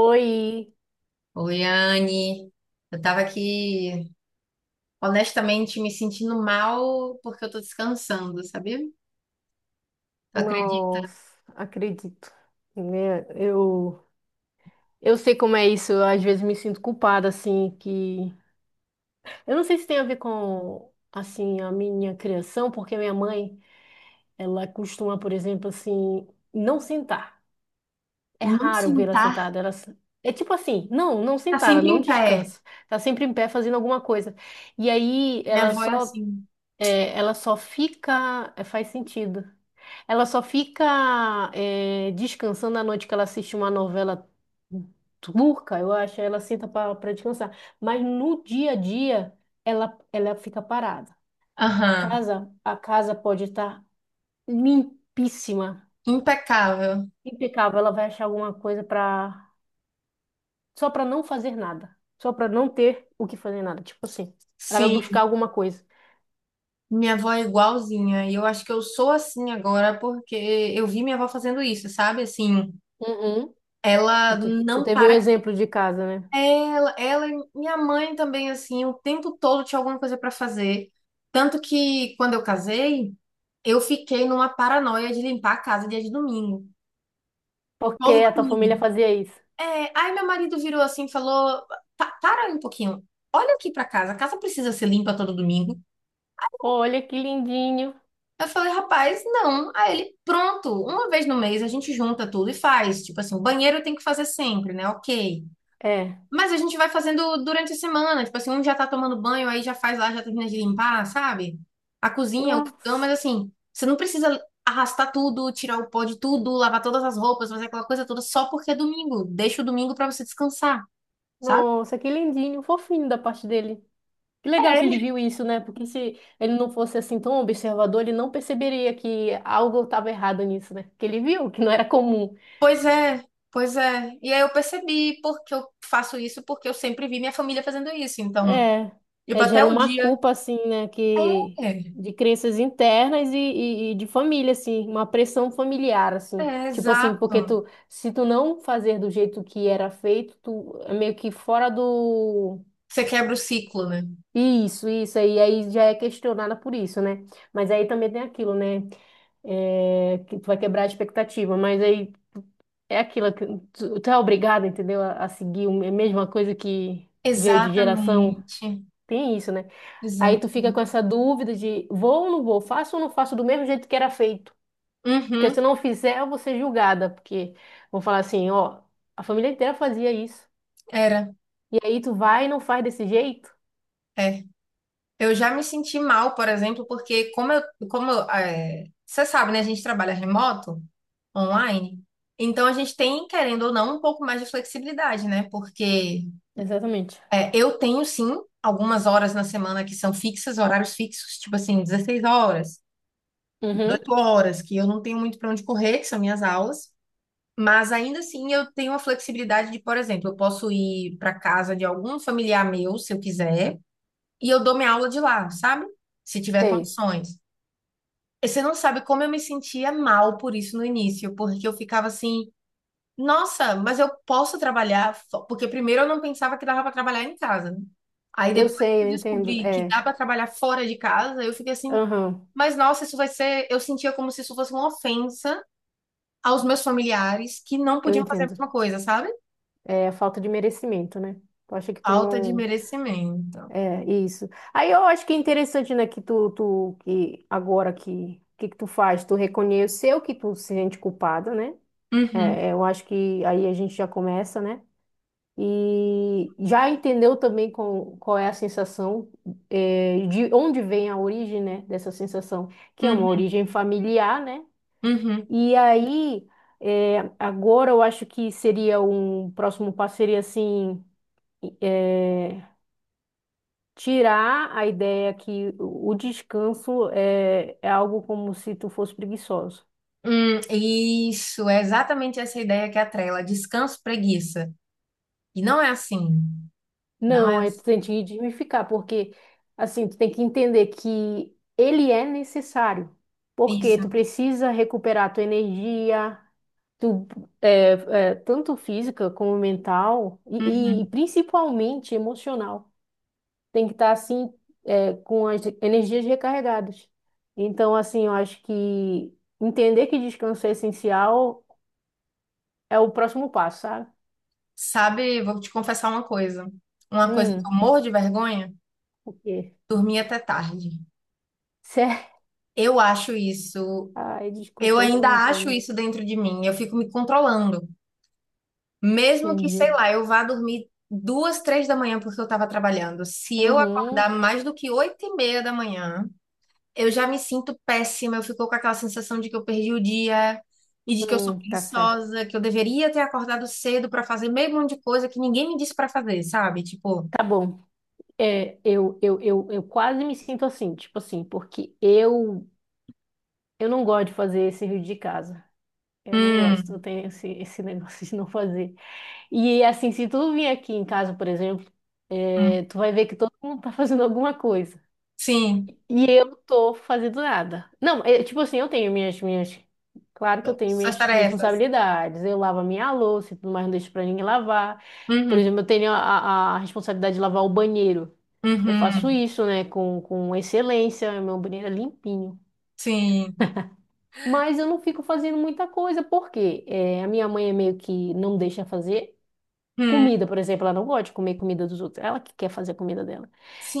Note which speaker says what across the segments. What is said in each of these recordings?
Speaker 1: Oi,
Speaker 2: Oi, Anne. Eu tava aqui, honestamente, me sentindo mal porque eu tô descansando, sabia? Tu acredita?
Speaker 1: nossa, acredito, né? Eu sei como é isso, eu às vezes me sinto culpada, assim, que... Eu não sei se tem a ver com, assim, a minha criação, porque minha mãe, ela costuma, por exemplo, assim, não sentar. É
Speaker 2: Não
Speaker 1: raro vê-la
Speaker 2: sentar,
Speaker 1: sentada, ela... se- É tipo assim, não
Speaker 2: tá
Speaker 1: sentar, ela
Speaker 2: sempre
Speaker 1: não
Speaker 2: em pé.
Speaker 1: descansa. Tá sempre em pé fazendo alguma coisa. E aí,
Speaker 2: Minha avó é assim.
Speaker 1: ela só fica... é, faz sentido. Ela só fica descansando à noite que ela assiste uma novela turca, eu acho, ela senta para descansar. Mas no dia a dia, ela fica parada.
Speaker 2: Aham,
Speaker 1: A casa pode estar limpíssima,
Speaker 2: impecável.
Speaker 1: impecável. Ela vai achar alguma coisa para só para não fazer nada, só para não ter o que fazer nada. Tipo assim, ela vai
Speaker 2: Sim,
Speaker 1: buscar alguma coisa.
Speaker 2: minha avó é igualzinha. E eu acho que eu sou assim agora porque eu vi minha avó fazendo isso, sabe? Assim,
Speaker 1: Uhum.
Speaker 2: ela
Speaker 1: Tu
Speaker 2: não
Speaker 1: teve o
Speaker 2: para.
Speaker 1: exemplo de casa, né?
Speaker 2: Ela e minha mãe também, assim, o tempo todo tinha alguma coisa pra fazer. Tanto que quando eu casei, eu fiquei numa paranoia de limpar a casa dia de domingo.
Speaker 1: Porque
Speaker 2: Todo
Speaker 1: a tua
Speaker 2: domingo.
Speaker 1: família fazia isso.
Speaker 2: É, aí meu marido virou assim e falou: Para aí um pouquinho. Olha aqui pra casa. A casa precisa ser limpa todo domingo?"
Speaker 1: Olha que lindinho.
Speaker 2: Eu falei, rapaz, não. Aí ele, pronto, uma vez no mês a gente junta tudo e faz. Tipo assim, o banheiro tem que fazer sempre, né? Ok.
Speaker 1: É.
Speaker 2: Mas a gente vai fazendo durante a semana. Tipo assim, um já tá tomando banho, aí já faz lá, já termina de limpar, sabe? A cozinha, o fogão, mas
Speaker 1: Nossa,
Speaker 2: assim, você não precisa arrastar tudo, tirar o pó de tudo, lavar todas as roupas, fazer aquela coisa toda só porque é domingo. Deixa o domingo pra você descansar, sabe?
Speaker 1: nossa, que lindinho, fofinho da parte dele. Que legal que ele
Speaker 2: É.
Speaker 1: viu isso, né? Porque se ele não fosse assim tão observador, ele não perceberia que algo estava errado nisso, né? Que ele viu que não era comum.
Speaker 2: Pois é, pois é. E aí eu percebi porque eu faço isso, porque eu sempre vi minha família fazendo isso. Então,
Speaker 1: É,
Speaker 2: tipo,
Speaker 1: é,
Speaker 2: até
Speaker 1: gera
Speaker 2: o
Speaker 1: uma
Speaker 2: dia.
Speaker 1: culpa assim, né? Que
Speaker 2: É,
Speaker 1: de crenças internas e de família, assim, uma pressão familiar, assim.
Speaker 2: é,
Speaker 1: Tipo assim, porque
Speaker 2: exato.
Speaker 1: tu, se tu não fazer do jeito que era feito, tu é meio que fora do.
Speaker 2: Você quebra o ciclo, né?
Speaker 1: Isso aí, aí já é questionada por isso, né? Mas aí também tem aquilo, né? É, que tu vai quebrar a expectativa, mas aí é aquilo que tu é obrigado, entendeu? A seguir a mesma coisa que veio de geração.
Speaker 2: Exatamente.
Speaker 1: Tem isso, né? Aí
Speaker 2: Exato.
Speaker 1: tu fica com essa dúvida de vou ou não vou, faço ou não faço do mesmo jeito que era feito. Porque se eu não fizer, eu vou ser julgada, porque vão falar assim, ó, a família inteira fazia isso.
Speaker 2: Era,
Speaker 1: E aí tu vai e não faz desse jeito.
Speaker 2: é. Eu já me senti mal, por exemplo, porque como eu, é, você sabe, né? A gente trabalha remoto, online, então a gente tem, querendo ou não, um pouco mais de flexibilidade, né? Porque
Speaker 1: Exatamente.
Speaker 2: é, eu tenho sim algumas horas na semana que são fixas, horários fixos, tipo assim, 16 horas,
Speaker 1: Uhum.
Speaker 2: 8 horas, que eu não tenho muito para onde correr, que são minhas aulas. Mas ainda assim eu tenho a flexibilidade de, por exemplo, eu posso ir para casa de algum familiar meu, se eu quiser. E eu dou minha aula de lá, sabe? Se tiver
Speaker 1: Sei.
Speaker 2: condições. E você não sabe como eu me sentia mal por isso no início, porque eu ficava assim, nossa, mas eu posso trabalhar, porque primeiro eu não pensava que dava para trabalhar em casa, né? Aí
Speaker 1: Eu
Speaker 2: depois
Speaker 1: sei,
Speaker 2: que eu
Speaker 1: eu entendo.
Speaker 2: descobri que
Speaker 1: É,
Speaker 2: dá para trabalhar fora de casa, eu fiquei assim,
Speaker 1: aham,
Speaker 2: mas nossa, isso vai ser, eu sentia como se isso fosse uma ofensa aos meus familiares que não
Speaker 1: eu
Speaker 2: podiam fazer a
Speaker 1: entendo.
Speaker 2: mesma coisa, sabe?
Speaker 1: É a falta de merecimento, né? Tu acha que tu
Speaker 2: Falta de
Speaker 1: não.
Speaker 2: merecimento.
Speaker 1: É isso. Aí eu acho que é interessante, né, que tu que agora que, o que que tu faz? Tu reconheceu que tu se sente culpada, né?
Speaker 2: Uhum,
Speaker 1: É, eu acho que aí a gente já começa, né? E já entendeu também com, qual é a sensação, é, de onde vem a origem, né, dessa sensação, que é uma
Speaker 2: uhum,
Speaker 1: origem familiar, né?
Speaker 2: uhum.
Speaker 1: E aí, é, agora eu acho que seria um próximo passo seria assim, é, tirar a ideia que o descanso é, é algo como se tu fosse preguiçoso.
Speaker 2: Isso, é exatamente essa ideia que atrela, descanso, preguiça. E não é assim, não
Speaker 1: Não,
Speaker 2: é
Speaker 1: aí tu tem
Speaker 2: assim.
Speaker 1: que desmificar, porque assim, tu tem que entender que ele é necessário, porque tu
Speaker 2: Isso.
Speaker 1: precisa recuperar tua energia, tu, é, é, tanto física como mental, e
Speaker 2: Uhum.
Speaker 1: principalmente emocional. Tem que estar assim, é, com as energias recarregadas. Então, assim, eu acho que entender que descanso é essencial é o próximo passo, sabe?
Speaker 2: Sabe, vou te confessar uma coisa. Uma coisa que eu
Speaker 1: Hum,
Speaker 2: morro de vergonha,
Speaker 1: o quê?
Speaker 2: dormir até tarde.
Speaker 1: Certo.
Speaker 2: Eu acho isso,
Speaker 1: Ai,
Speaker 2: eu
Speaker 1: desculpa, isso eu
Speaker 2: ainda
Speaker 1: não
Speaker 2: acho
Speaker 1: tenho.
Speaker 2: isso dentro de mim, eu fico me controlando. Mesmo que, sei
Speaker 1: Entendi.
Speaker 2: lá, eu vá dormir 2, 3 da manhã porque eu estava trabalhando. Se eu acordar
Speaker 1: Uhum.
Speaker 2: mais do que 8:30 da manhã, eu já me sinto péssima, eu fico com aquela sensação de que eu perdi o dia e de que eu sou
Speaker 1: Tá certo.
Speaker 2: preguiçosa, que eu deveria ter acordado cedo pra fazer meio monte de coisa que ninguém me disse pra fazer, sabe? Tipo,
Speaker 1: Tá bom. É, eu quase me sinto assim, tipo assim, porque eu não gosto de fazer esse serviço de casa. Eu não gosto, eu
Speaker 2: hum,
Speaker 1: tenho esse negócio de não fazer. E assim, se tu vir aqui em casa, por exemplo,
Speaker 2: hum,
Speaker 1: eh, tu vai ver que todo mundo tá fazendo alguma coisa.
Speaker 2: sim,
Speaker 1: E eu tô fazendo nada. Não, é, tipo assim, eu tenho minhas. Claro que eu tenho
Speaker 2: suas
Speaker 1: minhas
Speaker 2: tarefas.
Speaker 1: responsabilidades. Eu lavo a minha louça e tudo mais, não deixo pra ninguém lavar. Por
Speaker 2: Uhum,
Speaker 1: exemplo, eu tenho a responsabilidade de lavar o banheiro. Eu faço
Speaker 2: uhum,
Speaker 1: isso, né, com excelência. É Meu banheiro é limpinho.
Speaker 2: sim,
Speaker 1: Mas eu não fico fazendo muita coisa, porque a minha mãe é meio que não deixa fazer.
Speaker 2: hum,
Speaker 1: Comida, por exemplo, ela não gosta de comer comida dos outros. Ela que quer fazer a comida dela.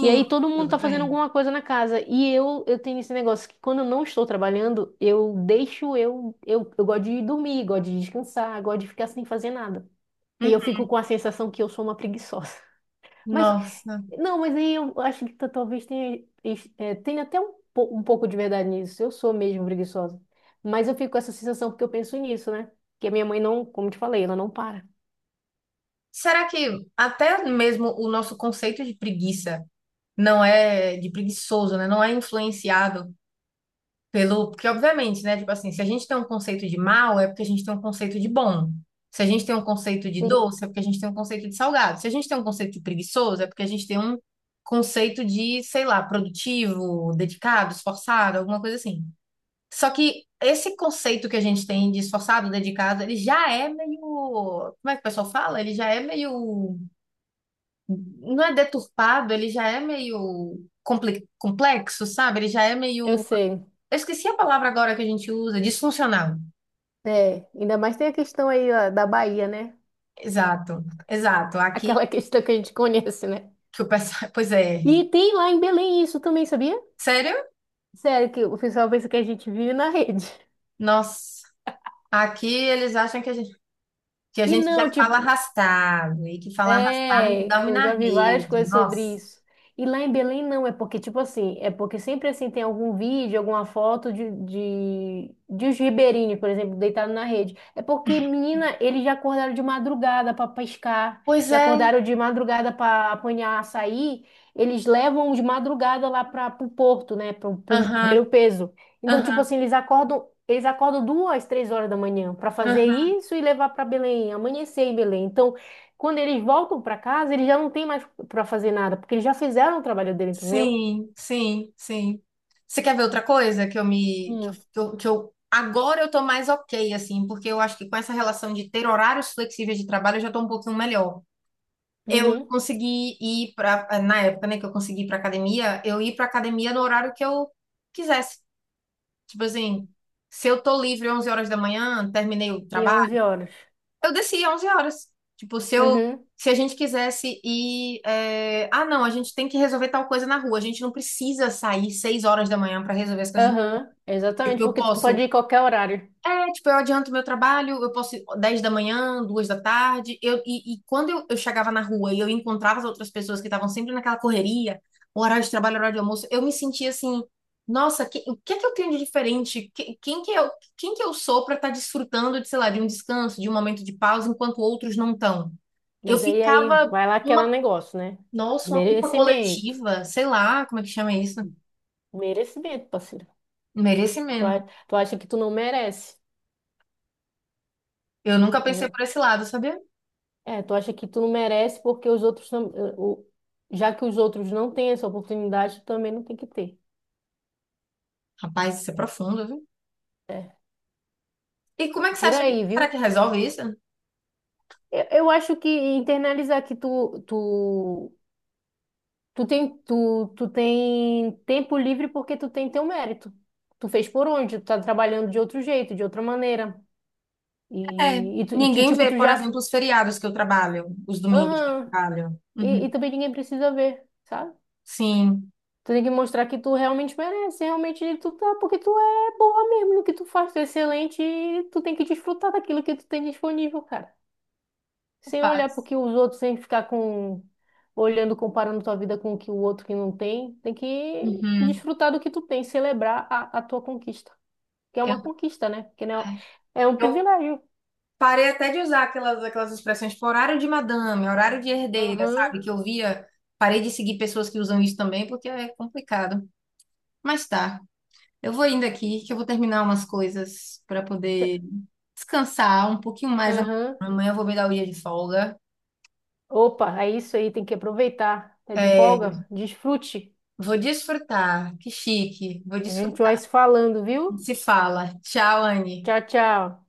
Speaker 1: E aí todo mundo
Speaker 2: tudo
Speaker 1: tá fazendo
Speaker 2: bem.
Speaker 1: alguma coisa na casa. E eu tenho esse negócio que quando eu não estou trabalhando, eu deixo eu gosto de dormir, gosto de descansar, gosto de ficar sem fazer nada. E eu
Speaker 2: Uhum.
Speaker 1: fico com a sensação que eu sou uma preguiçosa. Mas,
Speaker 2: Nossa.
Speaker 1: não, mas aí eu acho que talvez tenha, tenha até um, um pouco de verdade nisso. Eu sou mesmo preguiçosa. Mas eu fico com essa sensação porque eu penso nisso, né? Que a minha mãe não, como te falei, ela não para.
Speaker 2: Será que até mesmo o nosso conceito de preguiça não é de preguiçoso, né? Não é influenciado pelo, porque obviamente, né? Tipo assim, se a gente tem um conceito de mal, é porque a gente tem um conceito de bom. Se a gente tem um conceito de
Speaker 1: Sim,
Speaker 2: doce, é porque a gente tem um conceito de salgado. Se a gente tem um conceito de preguiçoso, é porque a gente tem um conceito de, sei lá, produtivo, dedicado, esforçado, alguma coisa assim. Só que esse conceito que a gente tem de esforçado, dedicado, ele já é meio, como é que o pessoal fala? Ele já é meio, não é deturpado, ele já é meio complexo, sabe? Ele já é
Speaker 1: eu
Speaker 2: meio
Speaker 1: sei.
Speaker 2: eu esqueci a palavra agora que a gente usa, disfuncional.
Speaker 1: É, ainda mais tem a questão aí ó, da Bahia, né?
Speaker 2: Exato, exato. Aqui
Speaker 1: Aquela questão que a gente conhece, né?
Speaker 2: que o pessoal. Pois é.
Speaker 1: E tem lá em Belém isso também, sabia?
Speaker 2: Sério?
Speaker 1: Sério, que o pessoal pensa que a gente vive na rede.
Speaker 2: Nossa. Aqui eles acham que a
Speaker 1: E
Speaker 2: gente já
Speaker 1: não,
Speaker 2: fala
Speaker 1: tipo,
Speaker 2: arrastado e que fala arrastado a gente
Speaker 1: é,
Speaker 2: dorme
Speaker 1: eu
Speaker 2: na
Speaker 1: já vi várias
Speaker 2: rede.
Speaker 1: coisas sobre
Speaker 2: Nossa.
Speaker 1: isso. E lá em Belém não, é porque, tipo assim, é porque sempre assim tem algum vídeo, alguma foto de os ribeirinhos, por exemplo, deitado na rede. É porque, menina, eles já acordaram de madrugada para pescar,
Speaker 2: Pois
Speaker 1: já
Speaker 2: é.
Speaker 1: acordaram de madrugada para apanhar açaí, eles levam de madrugada lá para o porto, né, para ver
Speaker 2: Aham,
Speaker 1: o peso. Então, tipo
Speaker 2: aham,
Speaker 1: assim, eles acordam. Eles acordam duas, três horas da manhã para fazer
Speaker 2: aham.
Speaker 1: isso e levar para Belém, amanhecer em Belém. Então, quando eles voltam para casa, eles já não têm mais para fazer nada, porque eles já fizeram o trabalho dele, entendeu?
Speaker 2: Sim, sim, sim. Você quer ver outra coisa que eu me.
Speaker 1: Hum.
Speaker 2: Que eu, agora eu tô mais ok, assim, porque eu acho que com essa relação de ter horários flexíveis de trabalho eu já tô um pouquinho melhor. Eu
Speaker 1: Uhum.
Speaker 2: consegui ir para na época, né, que eu consegui ir para academia, eu ir para academia no horário que eu quisesse. Tipo assim, se eu tô livre 11 horas da manhã, terminei o
Speaker 1: E
Speaker 2: trabalho,
Speaker 1: 11 horas.
Speaker 2: eu desci 11 horas. Tipo,
Speaker 1: Uhum.
Speaker 2: se a gente quisesse ir, é, ah, não, a gente tem que resolver tal coisa na rua, a gente não precisa sair 6 horas da manhã para resolver as coisas.
Speaker 1: Aham.
Speaker 2: Tipo,
Speaker 1: Exatamente,
Speaker 2: eu
Speaker 1: porque tu pode
Speaker 2: posso
Speaker 1: ir em qualquer horário.
Speaker 2: É, tipo, eu adianto meu trabalho, eu posso ir 10 da manhã, 2 da tarde. E quando eu chegava na rua e eu encontrava as outras pessoas que estavam sempre naquela correria, horário de trabalho, horário de almoço, eu me sentia assim, nossa, que- o que é que eu tenho de diferente? Que- quem que eu sou para estar desfrutando de, sei lá, de um descanso, de um momento de pausa, enquanto outros não estão? Eu
Speaker 1: Mas aí, aí,
Speaker 2: ficava
Speaker 1: vai lá aquele
Speaker 2: uma,
Speaker 1: negócio, né?
Speaker 2: nossa, uma culpa
Speaker 1: Merecimento.
Speaker 2: coletiva, sei lá, como é que chama isso?
Speaker 1: Merecimento, parceiro. Tu,
Speaker 2: Merecimento.
Speaker 1: a- tu acha que tu não merece.
Speaker 2: Eu nunca pensei
Speaker 1: Entendeu?
Speaker 2: por esse lado, sabia?
Speaker 1: É, tu acha que tu não merece porque os outros não, o, já que os outros não têm essa oportunidade, tu também não tem que ter.
Speaker 2: Rapaz, isso é profundo, viu? E como é que você
Speaker 1: Por
Speaker 2: acha que
Speaker 1: aí, viu?
Speaker 2: será que resolve isso?
Speaker 1: Eu acho que internalizar que tu tem, tu tem tempo livre porque tu tem teu mérito. Tu fez por onde? Tu tá trabalhando de outro jeito, de outra maneira.
Speaker 2: É, ninguém
Speaker 1: Tipo,
Speaker 2: vê,
Speaker 1: tu
Speaker 2: por
Speaker 1: já.
Speaker 2: exemplo, os feriados que eu trabalho, os domingos que eu
Speaker 1: Aham.
Speaker 2: trabalho. Uhum.
Speaker 1: E também ninguém precisa ver, sabe?
Speaker 2: Sim,
Speaker 1: Tu tem que mostrar que tu realmente merece, realmente tu tá, porque tu é boa mesmo no que tu faz, tu é excelente e tu tem que desfrutar daquilo que tu tem disponível, cara. Sem olhar
Speaker 2: rapaz.
Speaker 1: porque os outros, sem ficar com olhando, comparando tua vida com o que o outro que não tem, tem que
Speaker 2: Uhum.
Speaker 1: desfrutar do que tu tem, celebrar a tua conquista, que é
Speaker 2: Eu,
Speaker 1: uma conquista, né? Porque não
Speaker 2: é.
Speaker 1: é um
Speaker 2: Eu
Speaker 1: privilégio.
Speaker 2: parei até de usar aquelas expressões tipo horário de madame, horário de herdeira,
Speaker 1: Aham.
Speaker 2: sabe? Que eu via, parei de seguir pessoas que usam isso também, porque é complicado. Mas tá, eu vou indo aqui, que eu vou terminar umas coisas para
Speaker 1: Tchê,
Speaker 2: poder descansar um pouquinho mais.
Speaker 1: aham.
Speaker 2: Amanhã eu vou me dar o dia de folga.
Speaker 1: Opa, é isso aí, tem que aproveitar. É de
Speaker 2: É,
Speaker 1: folga, desfrute.
Speaker 2: vou desfrutar. Que chique. Vou
Speaker 1: A gente
Speaker 2: desfrutar.
Speaker 1: vai se falando, viu?
Speaker 2: Se fala. Tchau, Anne.
Speaker 1: Tchau, tchau.